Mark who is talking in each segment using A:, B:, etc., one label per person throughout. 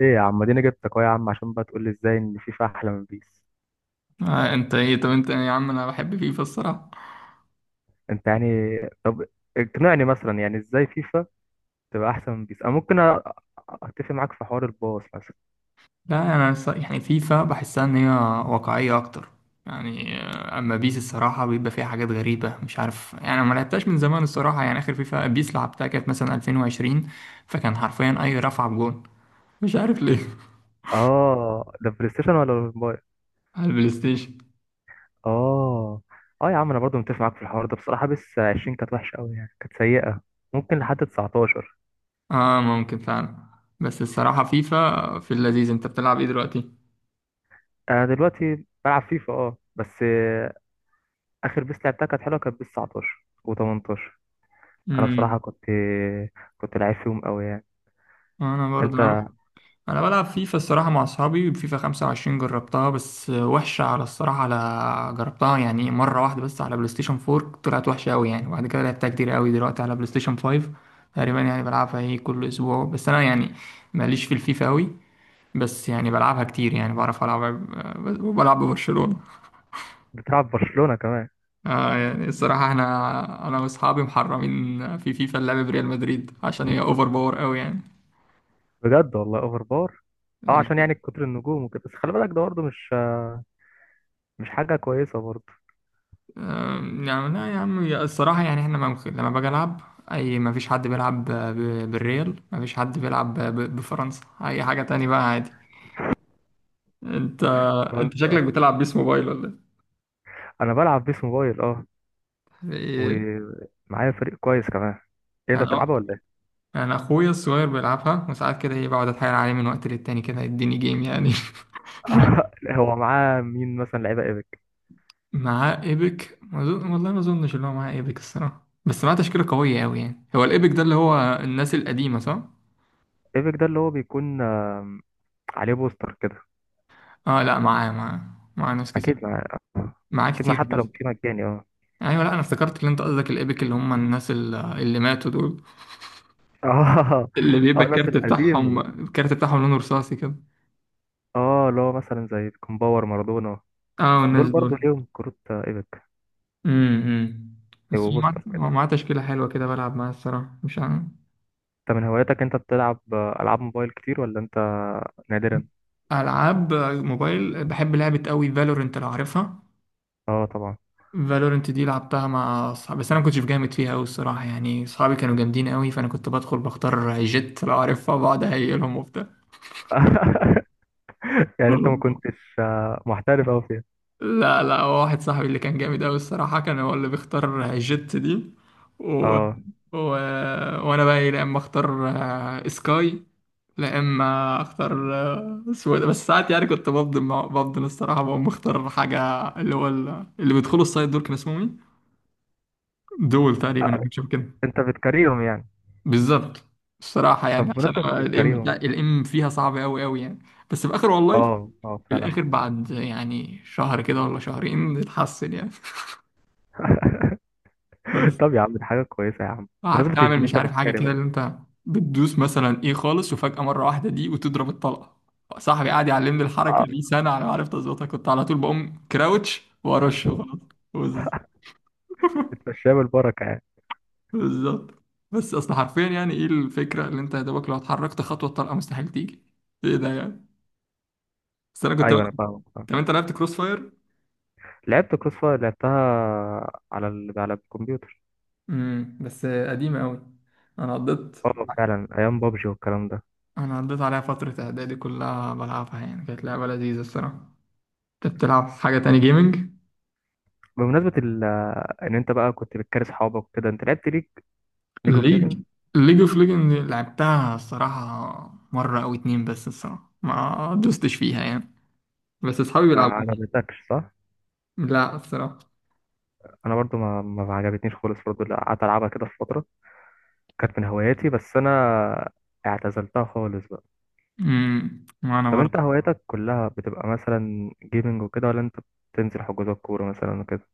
A: ايه يا عم، اديني جبتك اهو يا عم عشان بقى تقول لي ازاي ان فيفا احلى من بيس.
B: آه انت ايه طب انت يا عم انا بحب فيفا الصراحه.
A: انت يعني. طب اقنعني مثلا يعني ازاي فيفا تبقى احسن من بيس. انا ممكن اتفق معاك في حوار الباص مثلا.
B: لا انا الص- يعني فيفا بحسها ان هي واقعيه اكتر. اما بيس الصراحه بيبقى فيها حاجات غريبه، مش عارف، أنا ما لعبتهاش من زمان الصراحه. يعني اخر فيفا بيس لعبتها كانت مثلا 2020، فكان حرفيا اي رفعه بجون، مش عارف ليه.
A: اه ده بلاي ستيشن ولا الموبايل؟
B: على البلاي ستيشن.
A: اه. اه يا عم انا برضو متفق معاك في الحوار ده، بصراحه بيس 20 كانت وحشه قوي يعني كانت سيئه. ممكن لحد 19.
B: اه ممكن فعلا. بس الصراحه فيفا في اللذيذ. انت بتلعب ايه دلوقتي؟
A: انا دلوقتي بلعب فيفا، بس اخر بيس لعبتها كانت حلوه، كانت بيس 19 و18. انا
B: امم
A: بصراحه كنت لعيب فيهم قوي يعني.
B: انا
A: انت
B: برضه انا بلعب فيفا الصراحه مع اصحابي. فيفا 25 جربتها بس وحشه على الصراحه، على جربتها يعني مره واحده بس على بلاي ستيشن 4، طلعت وحشه قوي يعني. وبعد كده لعبتها كتير قوي دلوقتي على بلاي ستيشن 5. تقريبا يعني بلعبها كل اسبوع، بس انا يعني ماليش في الفيفا قوي. بس يعني بلعبها كتير، يعني بعرف العب. بلعب ببرشلونه.
A: بتلعب في برشلونة كمان؟
B: آه يعني الصراحه احنا انا واصحابي محرمين في فيفا اللعب بريال مدريد عشان هي اوفر باور قوي
A: بجد والله اوفر باور. اه، عشان
B: يعني.
A: يعني كتر النجوم وكده، بس خلي بالك ده برضه مش حاجة كويسة برضه.
B: أم، يعني لا يا عم الصراحة يعني احنا ممكن لما باجي ألعب ما فيش حد بيلعب بالريال، ما فيش حد بيلعب بفرنسا، أي حاجة تاني بقى عادي. أنت أنت
A: فرنسا.
B: شكلك بتلعب بيس موبايل ولا
A: انا بلعب بيس موبايل
B: إيه؟
A: ومعايا فريق كويس كمان. إيه، انت
B: أنا
A: بتلعبه ولا ايه؟
B: أنا أخويا الصغير بيلعبها، وساعات كده بقعد أتحايل عليه من وقت للتاني كده يديني جيم يعني.
A: هو معاه مين مثلا؟ لعيبة ايبك؟
B: معاه إيبك، ما أظن- والله ما أظنش إن هو معاه إيبك الصراحة، بس معاه تشكيلة قوية أوي يعني. هو الإيبك ده اللي هو الناس القديمة صح؟
A: ايبك ده اللي هو بيكون عليه بوستر كده.
B: آه لا، معاه ناس كتير،
A: اكيد مع
B: معاه
A: اكيد ما،
B: كتير
A: حتى
B: بس.
A: لو كان مجاني، اه.
B: ايوه، لا انا افتكرت ان انت قصدك الايبك اللي هم الناس اللي ماتوا دول،
A: اه
B: اللي بيبقى
A: اه، الناس
B: الكارت بتاعهم،
A: القديمة
B: الكارت بتاعهم لونه رصاصي كده.
A: اه اللي هو مثلا زي كومباور مارادونا،
B: اه
A: دول
B: الناس
A: برضه
B: دول.
A: ليهم كروت ايبك.
B: امم بس هو معاه
A: وبوستر
B: هو
A: كده؟
B: معاه تشكيله حلوه كده بلعب معاها الصراحه، مش عارف.
A: انت من هواياتك انت بتلعب العاب موبايل كتير ولا انت نادرا؟
B: العاب موبايل بحب لعبه قوي، فالورنت لو عارفها.
A: اه طبعا.
B: فالورنت دي لعبتها مع اصحابي، بس انا ما كنتش جامد فيها قوي الصراحه. يعني اصحابي كانوا جامدين قوي، فانا كنت بدخل بختار جيت لو عارفها، بقعد اهيلهم وبتاع.
A: يعني انت ما كنتش محترف اوي فيها.
B: لا لا، هو واحد صاحبي اللي كان جامد أوي الصراحة، كان هو اللي بيختار جيت دي و...
A: اه،
B: و... وأنا بقى لا إما أختار سكاي، لا إما أختار سويدة. بس ساعات يعني كنت بفضل بفضل الصراحة بقوم بختار حاجة اللي هو اللي بيدخلوا السايد دول، كان اسمهم إيه؟ دول تقريبا أو
A: آه،
B: حاجة شبه كده.
A: انت بتكرههم يعني.
B: بالظبط الصراحة،
A: طب
B: يعني عشان
A: بمناسبة
B: الإم
A: بتكرههم.
B: الإم فيها صعب أوي أوي يعني. بس في الآخر والله،
A: اه اه
B: في
A: فعلا.
B: الآخر بعد يعني شهر كده ولا شهرين اتحسن يعني. بس
A: طب يا عم دي حاجة كويسة يا عم.
B: قعدت
A: بمناسبة
B: اعمل
A: ان
B: مش
A: انت
B: عارف حاجه
A: بتكره
B: كده،
A: بقى.
B: اللي انت بتدوس مثلا ايه خالص وفجاه مره واحده دي وتضرب الطلقه. صاحبي قعد يعلمني الحركه
A: اه
B: دي سنه على ما عرفت اظبطها، كنت على طول بقوم كراوتش وارش خلاص. بز-
A: بتمشيها بالبركة يعني.
B: بالظبط. بس اصل حرفيا يعني ايه الفكره، اللي انت يا دوبك لو اتحركت خطوه الطلقه مستحيل تيجي. ايه ده يعني؟ بس انا كنت بلعب.
A: ايوه انا فاهمك فاهم.
B: طب انت لعبت كروس فاير؟
A: لعبت كروس فاير، لعبتها على الكمبيوتر.
B: بس قديمه قوي. انا قضيت
A: اه فعلا، ايام بابجي والكلام ده.
B: انا قضيت عليها فتره اعدادي كلها بلعبها، يعني كانت لعبه لذيذه الصراحه. انت بتلعب حاجه تاني جيمنج؟
A: بمناسبة ان انت بقى كنت بتكره اصحابك وكده، انت لعبت ليج اوف.
B: ليج ليج اوف ليجند لعبتها الصراحة مرة أو اتنين، بس الصراحة ما دوستش فيها يعني. بس أصحابي
A: ما
B: بيلعبوها.
A: عجبتكش صح؟
B: لا الصراحة.
A: انا برضو ما عجبتنيش خالص برضو، لا، قعدت العبها كده في فتره، كانت من هواياتي بس انا اعتزلتها خالص بقى.
B: وأنا
A: طب انت
B: برضه.
A: هواياتك كلها بتبقى مثلا جيمنج وكده، ولا انت بتنزل حجوزات كوره مثلا وكده؟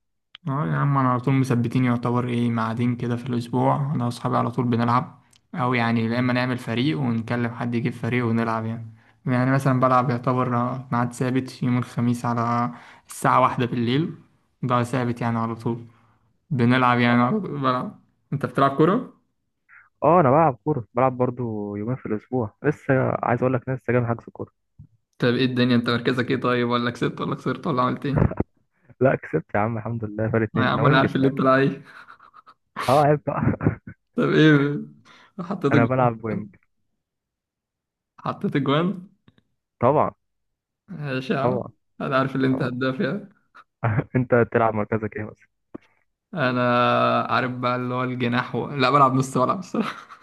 B: اه يا عم، أنا على طول مثبتين، يعتبر ميعادين كده في الأسبوع أنا وأصحابي على طول بنلعب، أو يعني يا إما نعمل فريق ونكلم حد يجيب فريق ونلعب يعني. يعني مثلا بلعب يعتبر ميعاد ثابت يوم الخميس على الساعة واحدة بالليل، ده ثابت يعني على طول بنلعب، يعني على طول بلعب. أنت بتلعب كورة؟
A: اه انا بلعب كوره، بلعب برضو يومين في الاسبوع، لسه عايز اقول لك لسه جاي من حجز كوره.
B: طب ايه الدنيا، انت مركزك ايه طيب؟ ولا كسبت ولا خسرت ولا عملت ايه؟
A: لا كسبت يا عم الحمد لله، فرق
B: آه يا
A: اتنين، انا
B: عم انا
A: وينج
B: عارف اللي
A: شمال.
B: انت لعيب.
A: اه، عيب بقى.
B: طب ايه، حطيت
A: انا
B: الجوان؟
A: بلعب وينج.
B: حطيت الجوان؟
A: طبعا.
B: ماشي يا عم.
A: طبعا.
B: انا عارف اللي انت
A: طبعا.
B: هداف يعني.
A: انت تلعب مركزك ايه مثلا؟
B: انا عارف بقى اللي هو الجناح لا بلعب نص ملعب الصراحه.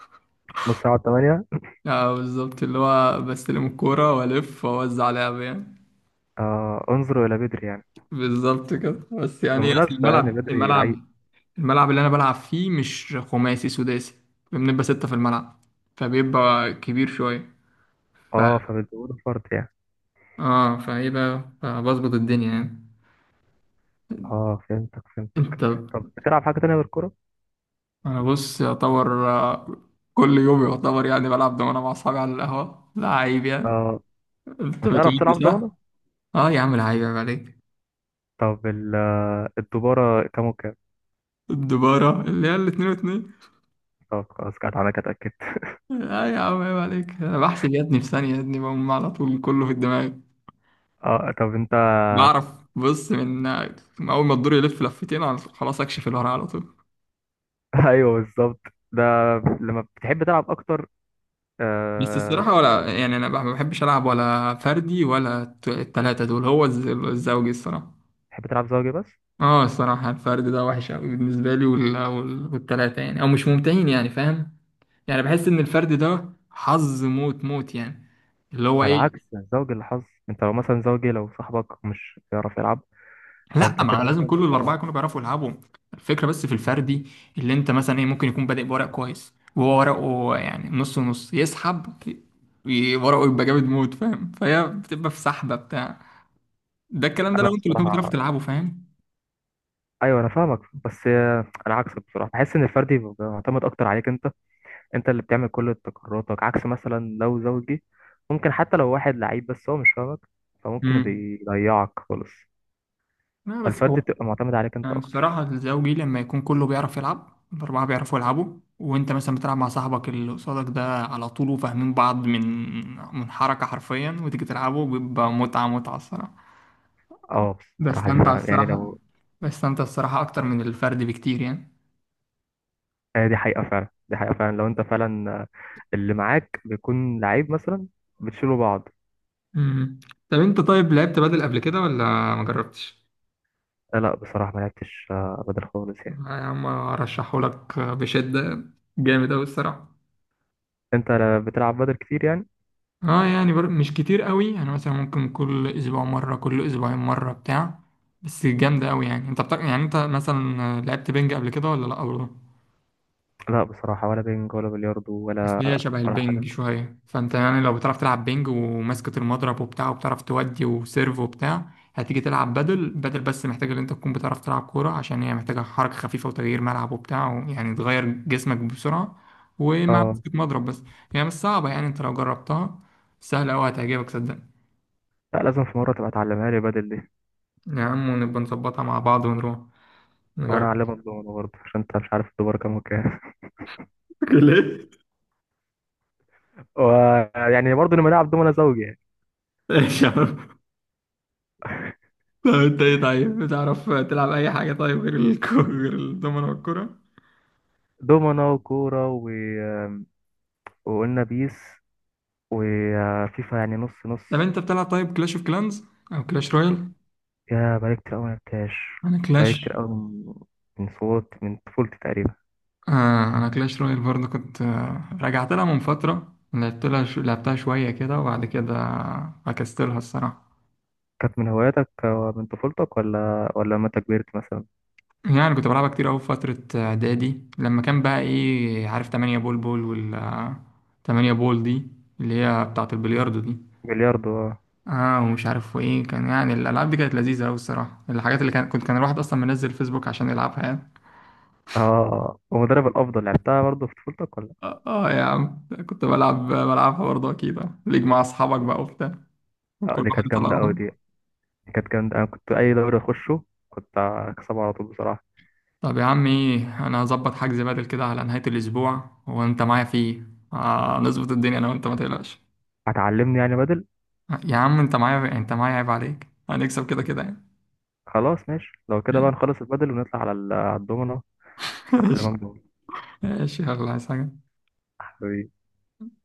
A: نص ساعه 8.
B: اه بالظبط، اللي هو بستلم الكوره والف واوزع لعب يعني.
A: انظروا الى بدري يعني.
B: بالظبط كده. بس يعني ايه، اصل
A: بمناسبة يعني
B: الملعب
A: بدري
B: الملعب
A: لعيب.
B: الملعب اللي انا بلعب فيه مش خماسي، سداسي، بنبقى ستة في الملعب، فبيبقى كبير شويه. ف
A: اه فبتزوده فرد يعني.
B: اه فايه بقى، فبظبط الدنيا يعني.
A: اه فهمتك فهمتك.
B: انت،
A: طب بتلعب حاجة تانية غير الكورة؟
B: بص يعتبر كل يوم يعتبر يعني بلعب دومنة مع اصحابي على القهوة، لعيب يعني.
A: اه
B: انت
A: بتعرف
B: بتودي
A: تلعب ضمانة؟
B: صح؟ اه يا عم لعيب، عيب عيب عليك.
A: طب الدبارة كام وكام؟
B: الدبارة اللي هي الاتنين واتنين.
A: طب خلاص، كانت أنا كده اتأكدت.
B: اه يا عم عيب عليك، انا بحسب يا ابني في ثانية يا ابني، بقوم على طول كله في الدماغ.
A: اه طب انت.
B: بعرف بص من اول ما الدور يلف لفتين على طول خلاص اكشف الورق على طول.
A: ايوه بالظبط. ده لما بتحب تلعب اكتر.
B: بس
A: آه
B: الصراحة،
A: ثنائي.
B: ولا يعني أنا ما بحبش ألعب ولا فردي ولا التلاتة دول، هو الزوجي الصراحة.
A: بتحب تلعب زوجي بس.
B: اه الصراحة الفرد ده وحش أوي بالنسبة لي، والتلاتة يعني أو مش ممتعين، يعني فاهم. يعني بحس إن الفرد ده حظ موت موت يعني، اللي هو
A: ده العكس،
B: إيه.
A: ده الزوجي اللي حظ، انت لو مثلا زوجي لو صاحبك مش بيعرف يلعب
B: لأ،
A: فانت
B: ما
A: كده
B: لازم
A: ممكن
B: كل
A: تتطور.
B: الأربعة يكونوا بيعرفوا يلعبوا. الفكرة بس في الفردي اللي أنت مثلا إيه، ممكن يكون بادئ بورق كويس وهو ورقه يعني نص ونص يسحب، ورقه يبقى جامد موت فاهم، فهي بتبقى في سحبة بتاع. ده الكلام ده
A: انا
B: لو أنتوا الاتنين بتعرفوا
A: بصراحة،
B: تلعبوا فاهم.
A: ايوه انا فاهمك، بس انا عكسك بصراحه، بحس ان الفردي بيبقى معتمد اكتر عليك انت. انت اللي بتعمل كل قراراتك، عكس مثلا لو زوجي، ممكن حتى لو واحد لعيب بس هو مش فاهمك فممكن
B: امم
A: يضيعك خالص.
B: لا بس
A: فالفردي
B: هو،
A: بتبقى معتمد عليك انت
B: يعني الصراحة
A: اكتر.
B: الزوجي لما يكون كله بيعرف يلعب، الأربعة بيعرفوا يلعبوا وأنت مثلا بتلعب مع صاحبك اللي قصادك ده على طول وفاهمين بعض من حركة حرفيا وتيجي تلعبوا، بيبقى متعة متعة الصراحة.
A: اه بصراحه دي
B: بستمتع
A: فعلا، يعني
B: الصراحة.
A: لو،
B: بستمتع الصراحة أكتر من الفرد بكتير يعني.
A: هي دي حقيقه فعلا، دي حقيقه فعلا لو انت فعلا اللي معاك بيكون لعيب مثلا، بتشيلوا بعض.
B: مم. طب انت طيب، لعبت بدل قبل كده ولا ما جربتش؟
A: لا بصراحه ما لعبتش بدل خالص يعني.
B: يا عم ارشحه لك بشدة، جامد اوي الصراحة.
A: انت لا بتلعب بدل كتير يعني؟
B: اه يعني مش كتير قوي يعني، مثلا ممكن كل اسبوع مرة، كل اسبوعين مرة بتاع. بس جامدة قوي يعني. انت بتاع يعني، انت مثلا لعبت بينج قبل كده ولا لا برضه؟
A: لا بصراحه، ولا بينج ولا بلياردو
B: بس هي
A: ولا
B: شبه
A: ولا حاجه.
B: البينج شوية، فانت يعني لو بتعرف تلعب بينج وماسكة المضرب وبتاع وبتعرف تودي وسيرف وبتاع هتيجي تلعب بدل، بس محتاجة ان انت تكون بتعرف تلعب كورة عشان هي محتاجة حركة خفيفة وتغيير ملعب وبتاع، يعني تغير جسمك بسرعة ومع
A: اه،
B: مسكة مضرب بس. يعني مش صعبة يعني، انت لو جربتها سهلة قوي، هتعجبك صدقني.
A: لا لازم في مرة تبقى تعلمها لي بدل دي.
B: يا عم ونبقى نظبطها مع بعض ونروح
A: وانا
B: نجرب.
A: اعلمك دومنا برضه عشان انت مش عارف الدومنة كام وكام.
B: ليه؟
A: ويعني برضه لما نلعب دومنا زوجي يعني.
B: ايش يا عم؟ طب انت ايه طيب، بتعرف تلعب اي حاجة طيب غير غير الدومينو والكرة؟
A: دومنا وكورة، و... آه، وقلنا بيس وفيفا يعني نص نص.
B: طب انت بتلعب طيب كلاش اوف كلانز او كلاش رويال؟
A: يا بقالي كتير قوي ما لعبتهاش،
B: انا
A: بقالي كتير
B: كلاش
A: قوي من صوت من طفولتي تقريبا.
B: آه انا كلاش رويال برضه كنت رجعت لها من فترة، لعبت لها لعبتها شوية كده وبعد كده فكستلها الصراحة.
A: كانت من هواياتك من طفولتك ولا لما انت كبرت مثلا؟
B: يعني كنت بلعبها كتير أوي في فترة إعدادي لما كان بقى إيه عارف تمانية بول بول وال آه، تمانية بول دي اللي هي بتاعة البلياردو دي.
A: بلياردو اه.
B: اه ومش عارف وايه كان، يعني الالعاب دي كانت لذيذه قوي الصراحه، الحاجات اللي كان كنت كان الواحد اصلا منزل فيسبوك عشان يلعبها يعني.
A: ومدرب الافضل لعبتها برضه في طفولتك ولا.
B: اه آه يا عم كنت بلعب بلعبها برضه اكيد آه. ليج مع اصحابك بقى وبتاع، وكل
A: دي
B: واحد
A: كانت
B: يطلع
A: جامدة قوي
B: روحه.
A: دي. كانت جامدة، أنا كنت أي دوري أخشه كنت أكسبه على طول بصراحة.
B: طب يا عم ايه، انا هظبط حجز بدل كده على نهايه الاسبوع وانت معايا فيه. آه نظبط الدنيا انا وانت ما تقلقش.
A: هتعلمني يعني بدل.
B: يا عم انت معايا، انت معايا عيب عليك، هنكسب كده كده يعني.
A: خلاص ماشي، لو كده بقى نخلص البدل ونطلع على الدومنة.
B: ماشي.
A: أعلمك
B: ماشي يلا، عايز حاجه.
A: دومنة.